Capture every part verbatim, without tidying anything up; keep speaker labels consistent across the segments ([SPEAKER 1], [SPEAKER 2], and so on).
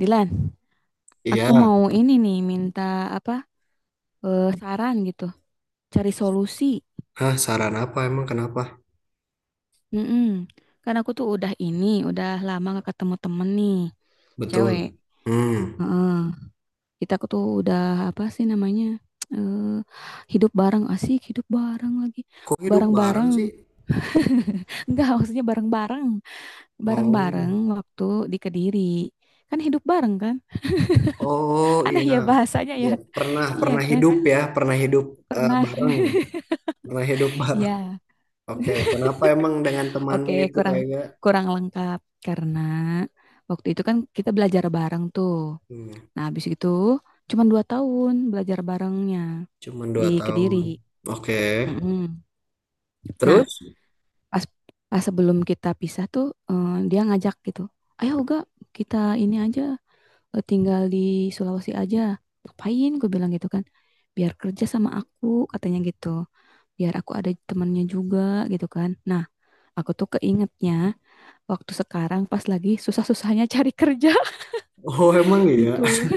[SPEAKER 1] Dilan,
[SPEAKER 2] Iya.
[SPEAKER 1] aku mau ini nih minta apa eh, saran gitu, cari solusi.
[SPEAKER 2] Hah, saran apa emang kenapa?
[SPEAKER 1] Mm-mm. Kan aku tuh udah ini, udah lama gak ketemu temen nih, cewek.
[SPEAKER 2] Betul. Hmm.
[SPEAKER 1] Heeh. Kita aku tuh udah apa sih namanya? eh Hidup bareng asik, hidup bareng lagi,
[SPEAKER 2] Kok hidup bareng
[SPEAKER 1] bareng-bareng.
[SPEAKER 2] sih?
[SPEAKER 1] Enggak, maksudnya bareng-bareng, bareng-bareng
[SPEAKER 2] Oh.
[SPEAKER 1] waktu di Kediri. Kan hidup bareng kan?
[SPEAKER 2] Oh,
[SPEAKER 1] Aneh
[SPEAKER 2] iya.
[SPEAKER 1] ya bahasanya ya.
[SPEAKER 2] Iya, pernah
[SPEAKER 1] Iya
[SPEAKER 2] pernah
[SPEAKER 1] kan?
[SPEAKER 2] hidup ya, pernah hidup eh,
[SPEAKER 1] Pernah.
[SPEAKER 2] bareng, pernah hidup bareng.
[SPEAKER 1] Iya.
[SPEAKER 2] Oke, kenapa emang dengan
[SPEAKER 1] Oke,
[SPEAKER 2] temanmu itu
[SPEAKER 1] kurang
[SPEAKER 2] kayaknya
[SPEAKER 1] kurang lengkap karena waktu itu kan kita belajar bareng tuh.
[SPEAKER 2] hmm,
[SPEAKER 1] Nah, habis itu cuma dua tahun belajar barengnya
[SPEAKER 2] cuman
[SPEAKER 1] di
[SPEAKER 2] dua
[SPEAKER 1] Kediri.
[SPEAKER 2] tahun. Oke.
[SPEAKER 1] Mm-mm. Nah,
[SPEAKER 2] Terus?
[SPEAKER 1] pas pas sebelum kita pisah tuh eh, dia ngajak gitu, ayo Uga kita ini aja eh, tinggal di Sulawesi aja. Ngapain? Gue bilang gitu kan, biar kerja sama aku katanya gitu, biar aku ada temannya juga gitu kan. Nah, aku tuh keingetnya waktu sekarang pas lagi susah-susahnya cari kerja
[SPEAKER 2] Oh, emang iya.
[SPEAKER 1] gitu.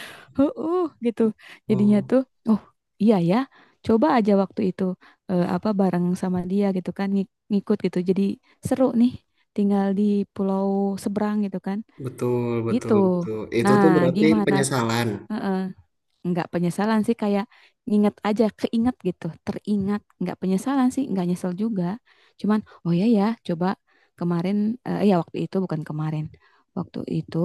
[SPEAKER 1] Heeh, gitu. Jadinya
[SPEAKER 2] Oh,
[SPEAKER 1] tuh, oh iya ya, coba aja waktu itu eh, apa bareng sama dia gitu kan ngik- ngikut gitu. Jadi seru nih tinggal di pulau seberang gitu kan.
[SPEAKER 2] betul,
[SPEAKER 1] Gitu.
[SPEAKER 2] betul, betul. Itu
[SPEAKER 1] Nah,
[SPEAKER 2] tuh berarti
[SPEAKER 1] gimana?
[SPEAKER 2] penyesalan.
[SPEAKER 1] Heeh, nggak penyesalan sih, kayak nginget aja keinget gitu teringat, nggak penyesalan sih, nggak nyesel juga, cuman oh ya ya coba kemarin, eh, ya waktu itu bukan kemarin, waktu itu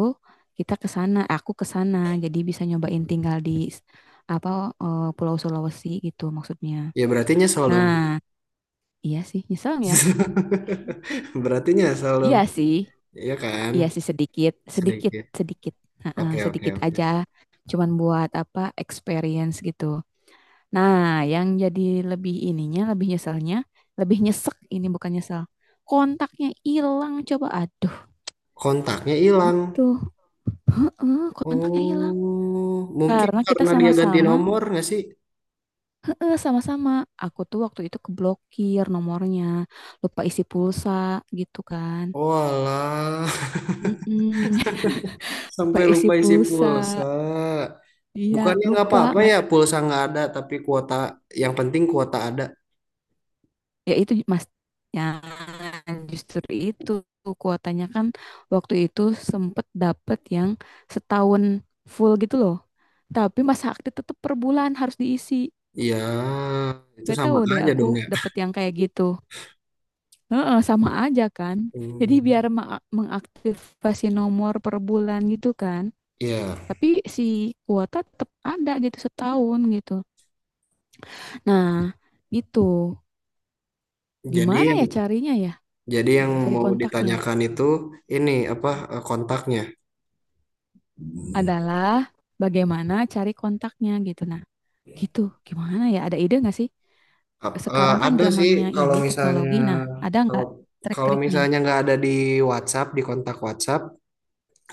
[SPEAKER 1] kita ke sana aku ke sana jadi bisa nyobain tinggal di apa, eh, Pulau Sulawesi gitu maksudnya.
[SPEAKER 2] Ya berarti nyesel dong.
[SPEAKER 1] Nah, iya sih nyesel nggak,
[SPEAKER 2] Berarti
[SPEAKER 1] ya
[SPEAKER 2] nyesel dong.
[SPEAKER 1] iya sih,
[SPEAKER 2] Iya kan?
[SPEAKER 1] iya sih sedikit sedikit
[SPEAKER 2] Sedikit.
[SPEAKER 1] sedikit. Heeh,
[SPEAKER 2] Oke, oke,
[SPEAKER 1] sedikit
[SPEAKER 2] oke.
[SPEAKER 1] aja, cuman buat apa experience gitu. Nah, yang jadi lebih ininya, lebih nyeselnya, lebih nyesek ini bukan nyesel. Kontaknya hilang coba. Aduh,
[SPEAKER 2] Kontaknya hilang.
[SPEAKER 1] gitu. Heeh, kontaknya hilang.
[SPEAKER 2] Oh, mungkin
[SPEAKER 1] Karena kita
[SPEAKER 2] karena dia ganti
[SPEAKER 1] sama-sama,
[SPEAKER 2] nomor nggak sih?
[SPEAKER 1] heeh, sama-sama. Aku tuh waktu itu keblokir nomornya, lupa isi pulsa gitu kan.
[SPEAKER 2] Walah,
[SPEAKER 1] Mm-mm. Lupa
[SPEAKER 2] sampai
[SPEAKER 1] isi
[SPEAKER 2] lupa isi
[SPEAKER 1] pulsa.
[SPEAKER 2] pulsa.
[SPEAKER 1] Iya,
[SPEAKER 2] Bukannya nggak
[SPEAKER 1] lupa.
[SPEAKER 2] apa-apa
[SPEAKER 1] Nggak.
[SPEAKER 2] ya pulsa nggak ada, tapi kuota yang penting kuota ada.
[SPEAKER 1] Ya itu Mas. Ya justru itu kuotanya kan waktu itu sempet dapet yang setahun full gitu loh. Tapi masa aktif tetap per bulan harus diisi.
[SPEAKER 2] Ya itu
[SPEAKER 1] Gak
[SPEAKER 2] sama
[SPEAKER 1] tahu deh
[SPEAKER 2] aja
[SPEAKER 1] aku
[SPEAKER 2] dong ya.
[SPEAKER 1] dapet yang kayak gitu. Heeh, sama aja kan. Jadi biar
[SPEAKER 2] Hmm.
[SPEAKER 1] ma- mengaktifasi nomor per bulan gitu kan.
[SPEAKER 2] Iya.
[SPEAKER 1] Tapi si kuota tetap ada gitu setahun gitu. Nah, itu
[SPEAKER 2] Jadi,
[SPEAKER 1] gimana ya carinya ya?
[SPEAKER 2] jadi yang
[SPEAKER 1] Cari
[SPEAKER 2] mau
[SPEAKER 1] kontaknya.
[SPEAKER 2] ditanyakan itu ini apa eh, kontaknya?
[SPEAKER 1] Adalah bagaimana cari kontaknya gitu. Nah, gitu. Gimana ya? Ada ide nggak sih?
[SPEAKER 2] Ap- eh,
[SPEAKER 1] Sekarang kan
[SPEAKER 2] ada sih
[SPEAKER 1] zamannya
[SPEAKER 2] kalau
[SPEAKER 1] ini
[SPEAKER 2] misalnya
[SPEAKER 1] teknologi. Nah, ada
[SPEAKER 2] kalau
[SPEAKER 1] nggak
[SPEAKER 2] kalau
[SPEAKER 1] trik-triknya?
[SPEAKER 2] misalnya nggak ada di WhatsApp, di kontak WhatsApp,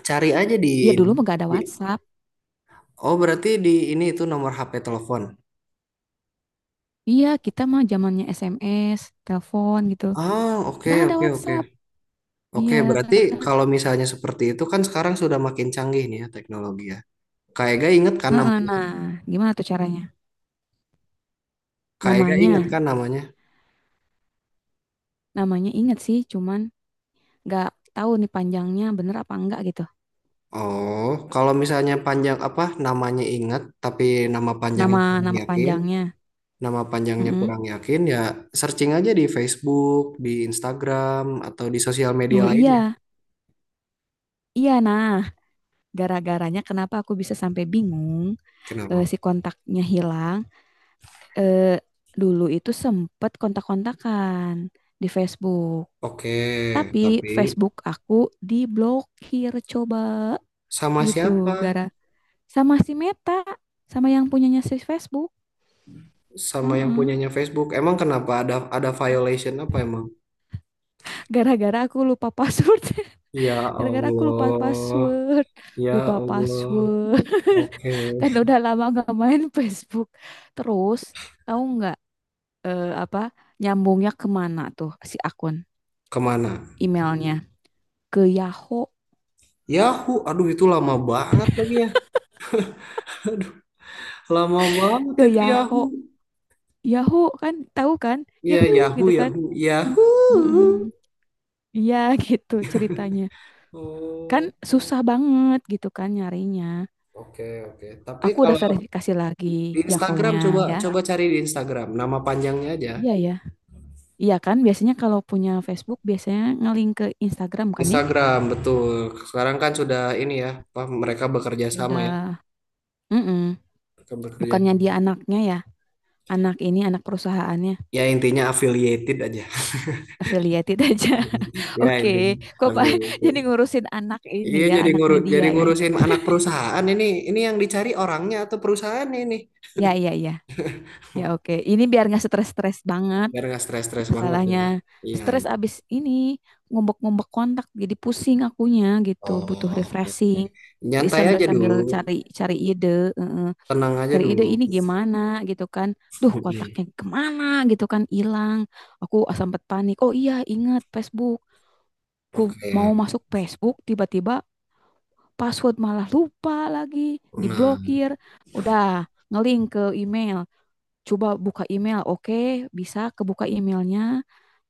[SPEAKER 2] cari aja di
[SPEAKER 1] Iya
[SPEAKER 2] ini
[SPEAKER 1] dulu mah nggak ada
[SPEAKER 2] di,
[SPEAKER 1] WhatsApp.
[SPEAKER 2] oh berarti di ini itu nomor H P telepon.
[SPEAKER 1] Iya, kita mah zamannya S M S, telepon gitu.
[SPEAKER 2] Ah, oke,
[SPEAKER 1] Nggak ada
[SPEAKER 2] oke, oke,
[SPEAKER 1] WhatsApp.
[SPEAKER 2] oke.
[SPEAKER 1] Iya.
[SPEAKER 2] Berarti kalau misalnya seperti itu kan sekarang sudah makin canggih nih ya teknologi ya. Kak Ega inget kan
[SPEAKER 1] Heeh.
[SPEAKER 2] namanya.
[SPEAKER 1] Nah, gimana tuh caranya?
[SPEAKER 2] Kak Ega inget
[SPEAKER 1] Namanya,
[SPEAKER 2] kan namanya.
[SPEAKER 1] namanya inget sih, cuman nggak tahu nih panjangnya bener apa enggak gitu.
[SPEAKER 2] Oh, kalau misalnya panjang apa namanya inget tapi nama panjangnya
[SPEAKER 1] Nama
[SPEAKER 2] kurang
[SPEAKER 1] nama
[SPEAKER 2] yakin,
[SPEAKER 1] panjangnya.
[SPEAKER 2] nama panjangnya
[SPEAKER 1] Mm-mm.
[SPEAKER 2] kurang yakin, ya searching aja di Facebook, di Instagram, atau di sosial media
[SPEAKER 1] Oh
[SPEAKER 2] lainnya.
[SPEAKER 1] iya, iya nah. Gara-garanya kenapa aku bisa sampai bingung, eh,
[SPEAKER 2] Kenapa?
[SPEAKER 1] si kontaknya hilang. Eh, Dulu itu sempet kontak-kontakan di Facebook.
[SPEAKER 2] Oke,
[SPEAKER 1] Tapi
[SPEAKER 2] tapi
[SPEAKER 1] Facebook aku diblokir coba
[SPEAKER 2] sama
[SPEAKER 1] gitu,
[SPEAKER 2] siapa?
[SPEAKER 1] gara sama si Meta, sama yang punyanya si Facebook.
[SPEAKER 2] Sama yang
[SPEAKER 1] Mm-mm.
[SPEAKER 2] punyanya Facebook. Emang kenapa, ada ada violation apa emang?
[SPEAKER 1] Gara-gara aku lupa password.
[SPEAKER 2] Ya
[SPEAKER 1] Gara-gara aku lupa
[SPEAKER 2] Allah,
[SPEAKER 1] password.
[SPEAKER 2] ya
[SPEAKER 1] Lupa
[SPEAKER 2] Allah.
[SPEAKER 1] password.
[SPEAKER 2] Oke.
[SPEAKER 1] Kan udah lama gak main Facebook. Terus tahu nggak, eh, apa nyambungnya kemana tuh si akun
[SPEAKER 2] Kemana?
[SPEAKER 1] emailnya? Ke Yahoo.
[SPEAKER 2] Yahoo, aduh itu lama banget lagi ya. Aduh, lama banget
[SPEAKER 1] ke
[SPEAKER 2] itu Yahoo.
[SPEAKER 1] Yahoo Yahoo kan tahu kan,
[SPEAKER 2] Ya
[SPEAKER 1] Yahoo
[SPEAKER 2] Yahoo,
[SPEAKER 1] gitu kan.
[SPEAKER 2] Yahoo,
[SPEAKER 1] Mm,
[SPEAKER 2] Yahoo.
[SPEAKER 1] mm-mm. Iya, gitu ceritanya kan,
[SPEAKER 2] Oh,
[SPEAKER 1] susah banget gitu kan nyarinya.
[SPEAKER 2] oke, oke. Tapi
[SPEAKER 1] Aku udah
[SPEAKER 2] kalau
[SPEAKER 1] verifikasi
[SPEAKER 2] di
[SPEAKER 1] lagi
[SPEAKER 2] Instagram,
[SPEAKER 1] Yahoo-nya,
[SPEAKER 2] coba
[SPEAKER 1] ya
[SPEAKER 2] coba cari di Instagram nama panjangnya aja.
[SPEAKER 1] iya ya, iya kan biasanya kalau punya Facebook biasanya ngelink ke Instagram kan ya,
[SPEAKER 2] Instagram betul. Sekarang kan sudah ini ya, apa mereka bekerja sama ya,
[SPEAKER 1] sudah. mm
[SPEAKER 2] mereka bekerja.
[SPEAKER 1] Bukannya dia anaknya ya, anak ini anak perusahaannya
[SPEAKER 2] Ya intinya affiliated aja.
[SPEAKER 1] affiliated aja.
[SPEAKER 2] Ya
[SPEAKER 1] Oke,
[SPEAKER 2] intinya
[SPEAKER 1] kok Pak
[SPEAKER 2] affiliated.
[SPEAKER 1] jadi ngurusin anak ini
[SPEAKER 2] Iya
[SPEAKER 1] ya,
[SPEAKER 2] jadi
[SPEAKER 1] anak
[SPEAKER 2] ngurus, jadi
[SPEAKER 1] media ya.
[SPEAKER 2] ngurusin anak perusahaan ini ini yang dicari orangnya atau perusahaan ini,
[SPEAKER 1] Ya, ya, ya. Ya, oke. Ini biar nggak stres-stres banget
[SPEAKER 2] biar nggak stres-stres banget
[SPEAKER 1] masalahnya.
[SPEAKER 2] ya. Iya,
[SPEAKER 1] Stres
[SPEAKER 2] iya.
[SPEAKER 1] abis ini ngumbek-ngumbek kontak jadi pusing akunya gitu,
[SPEAKER 2] Oh
[SPEAKER 1] butuh
[SPEAKER 2] oke, oke.
[SPEAKER 1] refreshing. Jadi
[SPEAKER 2] Nyantai aja
[SPEAKER 1] sambil-sambil
[SPEAKER 2] dulu,
[SPEAKER 1] cari cari ide, eh,
[SPEAKER 2] tenang aja
[SPEAKER 1] cari ide
[SPEAKER 2] dulu.
[SPEAKER 1] ini gimana gitu kan. Duh, kontaknya kemana gitu kan hilang. Aku sempat panik. Oh iya, ingat Facebook. Aku mau
[SPEAKER 2] Oke.
[SPEAKER 1] masuk Facebook, tiba-tiba password malah lupa lagi,
[SPEAKER 2] Nah.
[SPEAKER 1] diblokir. Udah ngelink ke email, coba buka email, oke bisa kebuka emailnya.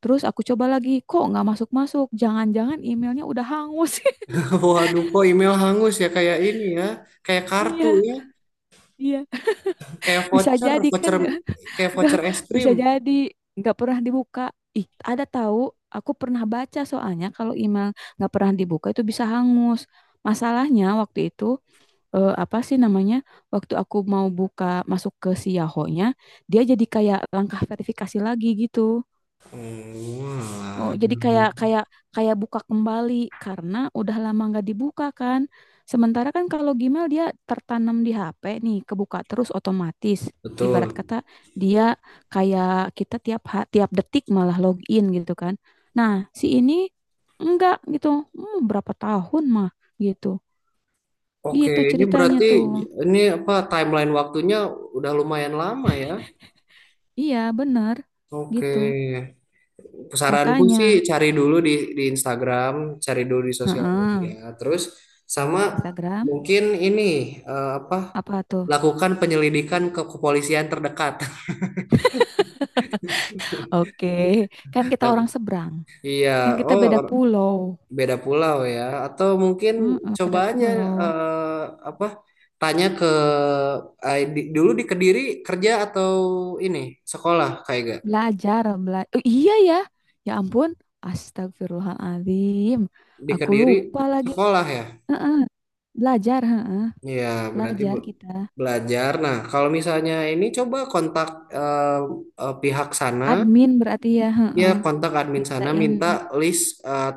[SPEAKER 1] Terus aku coba lagi, kok nggak masuk-masuk? Jangan-jangan emailnya udah hangus.
[SPEAKER 2] Waduh, kok email hangus ya, kayak ini ya, kayak kartu
[SPEAKER 1] Iya,
[SPEAKER 2] ya,
[SPEAKER 1] iya.
[SPEAKER 2] kayak
[SPEAKER 1] Bisa
[SPEAKER 2] voucher,
[SPEAKER 1] jadi kan
[SPEAKER 2] voucher,
[SPEAKER 1] nggak,
[SPEAKER 2] kayak
[SPEAKER 1] nggak
[SPEAKER 2] voucher es
[SPEAKER 1] bisa
[SPEAKER 2] krim.
[SPEAKER 1] jadi nggak pernah dibuka. Ih, ada tahu? Aku pernah baca soalnya kalau email nggak pernah dibuka itu bisa hangus. Masalahnya waktu itu, eh, apa sih namanya? Waktu aku mau buka masuk ke si Yahoo-nya, dia jadi kayak langkah verifikasi lagi gitu.
[SPEAKER 2] Oh,
[SPEAKER 1] Oh,
[SPEAKER 2] alah.
[SPEAKER 1] jadi kayak kayak kayak buka kembali karena udah lama nggak dibuka kan. Sementara kan kalau Gmail dia tertanam di H P nih, kebuka terus otomatis. Ibarat
[SPEAKER 2] Betul.
[SPEAKER 1] kata dia kayak kita tiap ha- tiap detik malah login gitu kan. Nah, si ini enggak gitu. Hmm, berapa tahun mah gitu.
[SPEAKER 2] Oke,
[SPEAKER 1] Gitu
[SPEAKER 2] ini
[SPEAKER 1] ceritanya
[SPEAKER 2] berarti
[SPEAKER 1] tuh.
[SPEAKER 2] ini apa timeline waktunya udah lumayan lama ya.
[SPEAKER 1] Iya, bener
[SPEAKER 2] Oke.
[SPEAKER 1] gitu.
[SPEAKER 2] Saranku sih
[SPEAKER 1] Makanya,
[SPEAKER 2] cari dulu di di Instagram, cari dulu di sosial
[SPEAKER 1] heeh,
[SPEAKER 2] media, terus sama
[SPEAKER 1] Instagram
[SPEAKER 2] mungkin ini eh, apa
[SPEAKER 1] apa tuh?
[SPEAKER 2] lakukan penyelidikan ke kepolisian terdekat.
[SPEAKER 1] Oke, kan kita
[SPEAKER 2] Laku-
[SPEAKER 1] orang seberang,
[SPEAKER 2] Iya,
[SPEAKER 1] kan kita
[SPEAKER 2] oh
[SPEAKER 1] beda pulau.
[SPEAKER 2] beda pulau ya, atau mungkin
[SPEAKER 1] Heeh,
[SPEAKER 2] coba
[SPEAKER 1] beda
[SPEAKER 2] aja
[SPEAKER 1] pulau.
[SPEAKER 2] eh, apa tanya ke eh, di- dulu di Kediri kerja atau ini sekolah kayak gak,
[SPEAKER 1] Belajar, belajar. Iya ya. Ya ampun, astagfirullahaladzim.
[SPEAKER 2] di
[SPEAKER 1] Aku
[SPEAKER 2] Kediri
[SPEAKER 1] lupa lagi.
[SPEAKER 2] sekolah ya,
[SPEAKER 1] Heeh, belajar, heeh,
[SPEAKER 2] iya berarti bu
[SPEAKER 1] belajar kita.
[SPEAKER 2] belajar. Nah, kalau misalnya ini, coba kontak eh, eh, pihak sana,
[SPEAKER 1] Admin berarti ya,
[SPEAKER 2] ya
[SPEAKER 1] heeh,
[SPEAKER 2] kontak admin
[SPEAKER 1] minta
[SPEAKER 2] sana,
[SPEAKER 1] ini.
[SPEAKER 2] minta list eh,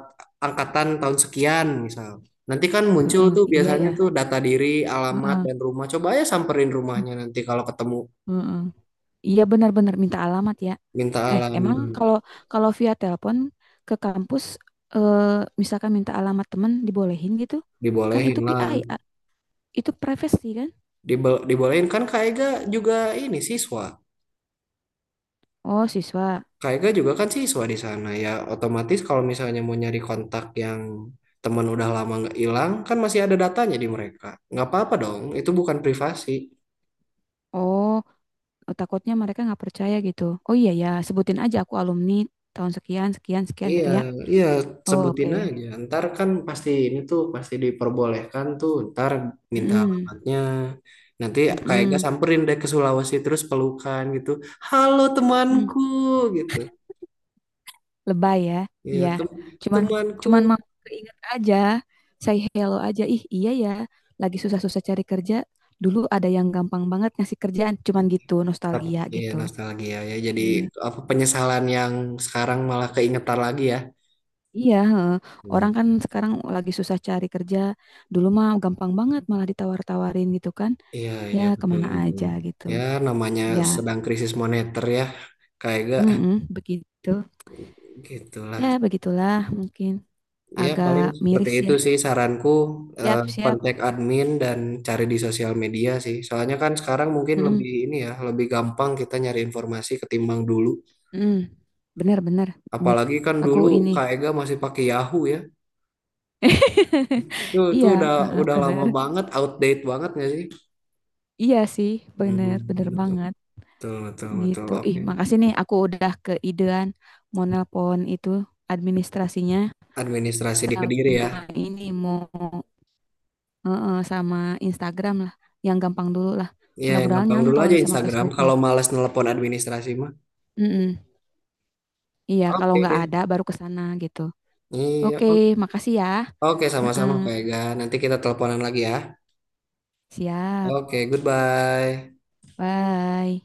[SPEAKER 2] angkatan tahun sekian misal. Nanti kan muncul
[SPEAKER 1] Heeh,
[SPEAKER 2] tuh
[SPEAKER 1] iya ya.
[SPEAKER 2] biasanya tuh data diri, alamat,
[SPEAKER 1] Heeh,
[SPEAKER 2] dan rumah. Coba aja samperin rumahnya nanti kalau ketemu.
[SPEAKER 1] heeh. Iya benar-benar minta alamat ya.
[SPEAKER 2] Minta
[SPEAKER 1] Eh,
[SPEAKER 2] alamat.
[SPEAKER 1] emang kalau kalau via telepon ke kampus, eh, misalkan minta alamat teman dibolehin gitu? Kan
[SPEAKER 2] Dibolehin
[SPEAKER 1] itu
[SPEAKER 2] lah.
[SPEAKER 1] P I, A- itu privasi kan?
[SPEAKER 2] Dibo- dibolehin, kan Kak Ega juga ini siswa.
[SPEAKER 1] Oh, siswa.
[SPEAKER 2] Kak Ega juga kan siswa di sana, ya otomatis kalau misalnya mau nyari kontak yang teman udah lama nggak hilang kan masih ada datanya di mereka, nggak apa-apa dong, itu bukan privasi.
[SPEAKER 1] Oh, oh, takutnya mereka nggak percaya gitu. Oh iya ya, sebutin aja aku alumni tahun sekian, sekian, sekian
[SPEAKER 2] Iya,
[SPEAKER 1] gitu ya.
[SPEAKER 2] iya,
[SPEAKER 1] Oh, oke.
[SPEAKER 2] sebutin aja. Ntar kan pasti ini tuh pasti diperbolehkan tuh. Ntar minta
[SPEAKER 1] Mm-mm.
[SPEAKER 2] alamatnya. Nanti kayak gak
[SPEAKER 1] Mm-mm.
[SPEAKER 2] samperin deh ke Sulawesi terus pelukan gitu. Halo
[SPEAKER 1] Mm.
[SPEAKER 2] temanku gitu.
[SPEAKER 1] Lebay ya.
[SPEAKER 2] Iya,
[SPEAKER 1] Iya.
[SPEAKER 2] tem-
[SPEAKER 1] Cuman
[SPEAKER 2] temanku.
[SPEAKER 1] cuman mau keinget aja. Say hello aja. Ih, iya ya. Lagi susah-susah cari kerja. Dulu ada yang gampang banget ngasih kerjaan. Cuman gitu,
[SPEAKER 2] Ntar,
[SPEAKER 1] nostalgia
[SPEAKER 2] iya
[SPEAKER 1] gitu.
[SPEAKER 2] nostalgia ya, jadi
[SPEAKER 1] Iya.
[SPEAKER 2] apa penyesalan yang sekarang malah keingetan lagi ya.
[SPEAKER 1] Iya, heeh. Orang
[SPEAKER 2] Hmm.
[SPEAKER 1] kan sekarang lagi susah cari kerja. Dulu mah gampang banget malah ditawar-tawarin gitu kan.
[SPEAKER 2] Iya
[SPEAKER 1] Ya,
[SPEAKER 2] iya, betul
[SPEAKER 1] kemana
[SPEAKER 2] betul,
[SPEAKER 1] aja gitu.
[SPEAKER 2] ya namanya
[SPEAKER 1] Ya,
[SPEAKER 2] sedang krisis moneter ya kayak gak
[SPEAKER 1] mm begitu.
[SPEAKER 2] gitulah.
[SPEAKER 1] Ya, begitulah mungkin
[SPEAKER 2] Ya
[SPEAKER 1] agak
[SPEAKER 2] paling seperti
[SPEAKER 1] miris
[SPEAKER 2] itu
[SPEAKER 1] ya.
[SPEAKER 2] sih saranku, eh,
[SPEAKER 1] Siap, siap.
[SPEAKER 2] kontak admin dan cari di sosial media sih, soalnya kan sekarang mungkin
[SPEAKER 1] Mm-mm.
[SPEAKER 2] lebih ini ya, lebih gampang kita nyari informasi ketimbang dulu,
[SPEAKER 1] Hmm, bener bener bener.
[SPEAKER 2] apalagi kan
[SPEAKER 1] Aku
[SPEAKER 2] dulu
[SPEAKER 1] ini.
[SPEAKER 2] Kak Ega masih pakai Yahoo ya. Itu itu
[SPEAKER 1] Iya.
[SPEAKER 2] udah
[SPEAKER 1] Heeh,
[SPEAKER 2] udah lama
[SPEAKER 1] bener.
[SPEAKER 2] banget, outdate banget nggak sih?
[SPEAKER 1] Iya sih,
[SPEAKER 2] Hmm,
[SPEAKER 1] bener bener
[SPEAKER 2] betul.
[SPEAKER 1] banget
[SPEAKER 2] Betul, betul, betul.
[SPEAKER 1] gitu. Ih,
[SPEAKER 2] Oke.
[SPEAKER 1] makasih nih aku udah keidean mau nelpon itu administrasinya,
[SPEAKER 2] Administrasi di Kediri ya.
[SPEAKER 1] sama ini mau, heeh, sama Instagram lah, yang gampang dulu lah.
[SPEAKER 2] Iya, yang
[SPEAKER 1] Mudah-mudahan
[SPEAKER 2] gampang dulu
[SPEAKER 1] nyantol
[SPEAKER 2] aja
[SPEAKER 1] nih sama
[SPEAKER 2] Instagram.
[SPEAKER 1] Facebooknya.
[SPEAKER 2] Kalau males nelpon administrasi mah.
[SPEAKER 1] Mm-mm. Iya, kalau
[SPEAKER 2] Oke
[SPEAKER 1] nggak
[SPEAKER 2] deh.
[SPEAKER 1] ada baru ke sana gitu.
[SPEAKER 2] Iya,
[SPEAKER 1] Oke,
[SPEAKER 2] o-
[SPEAKER 1] makasih ya.
[SPEAKER 2] oke.
[SPEAKER 1] Heeh,
[SPEAKER 2] Sama-sama, Kak Ega. Nanti kita teleponan lagi ya.
[SPEAKER 1] siap.
[SPEAKER 2] Oke, goodbye.
[SPEAKER 1] Bye.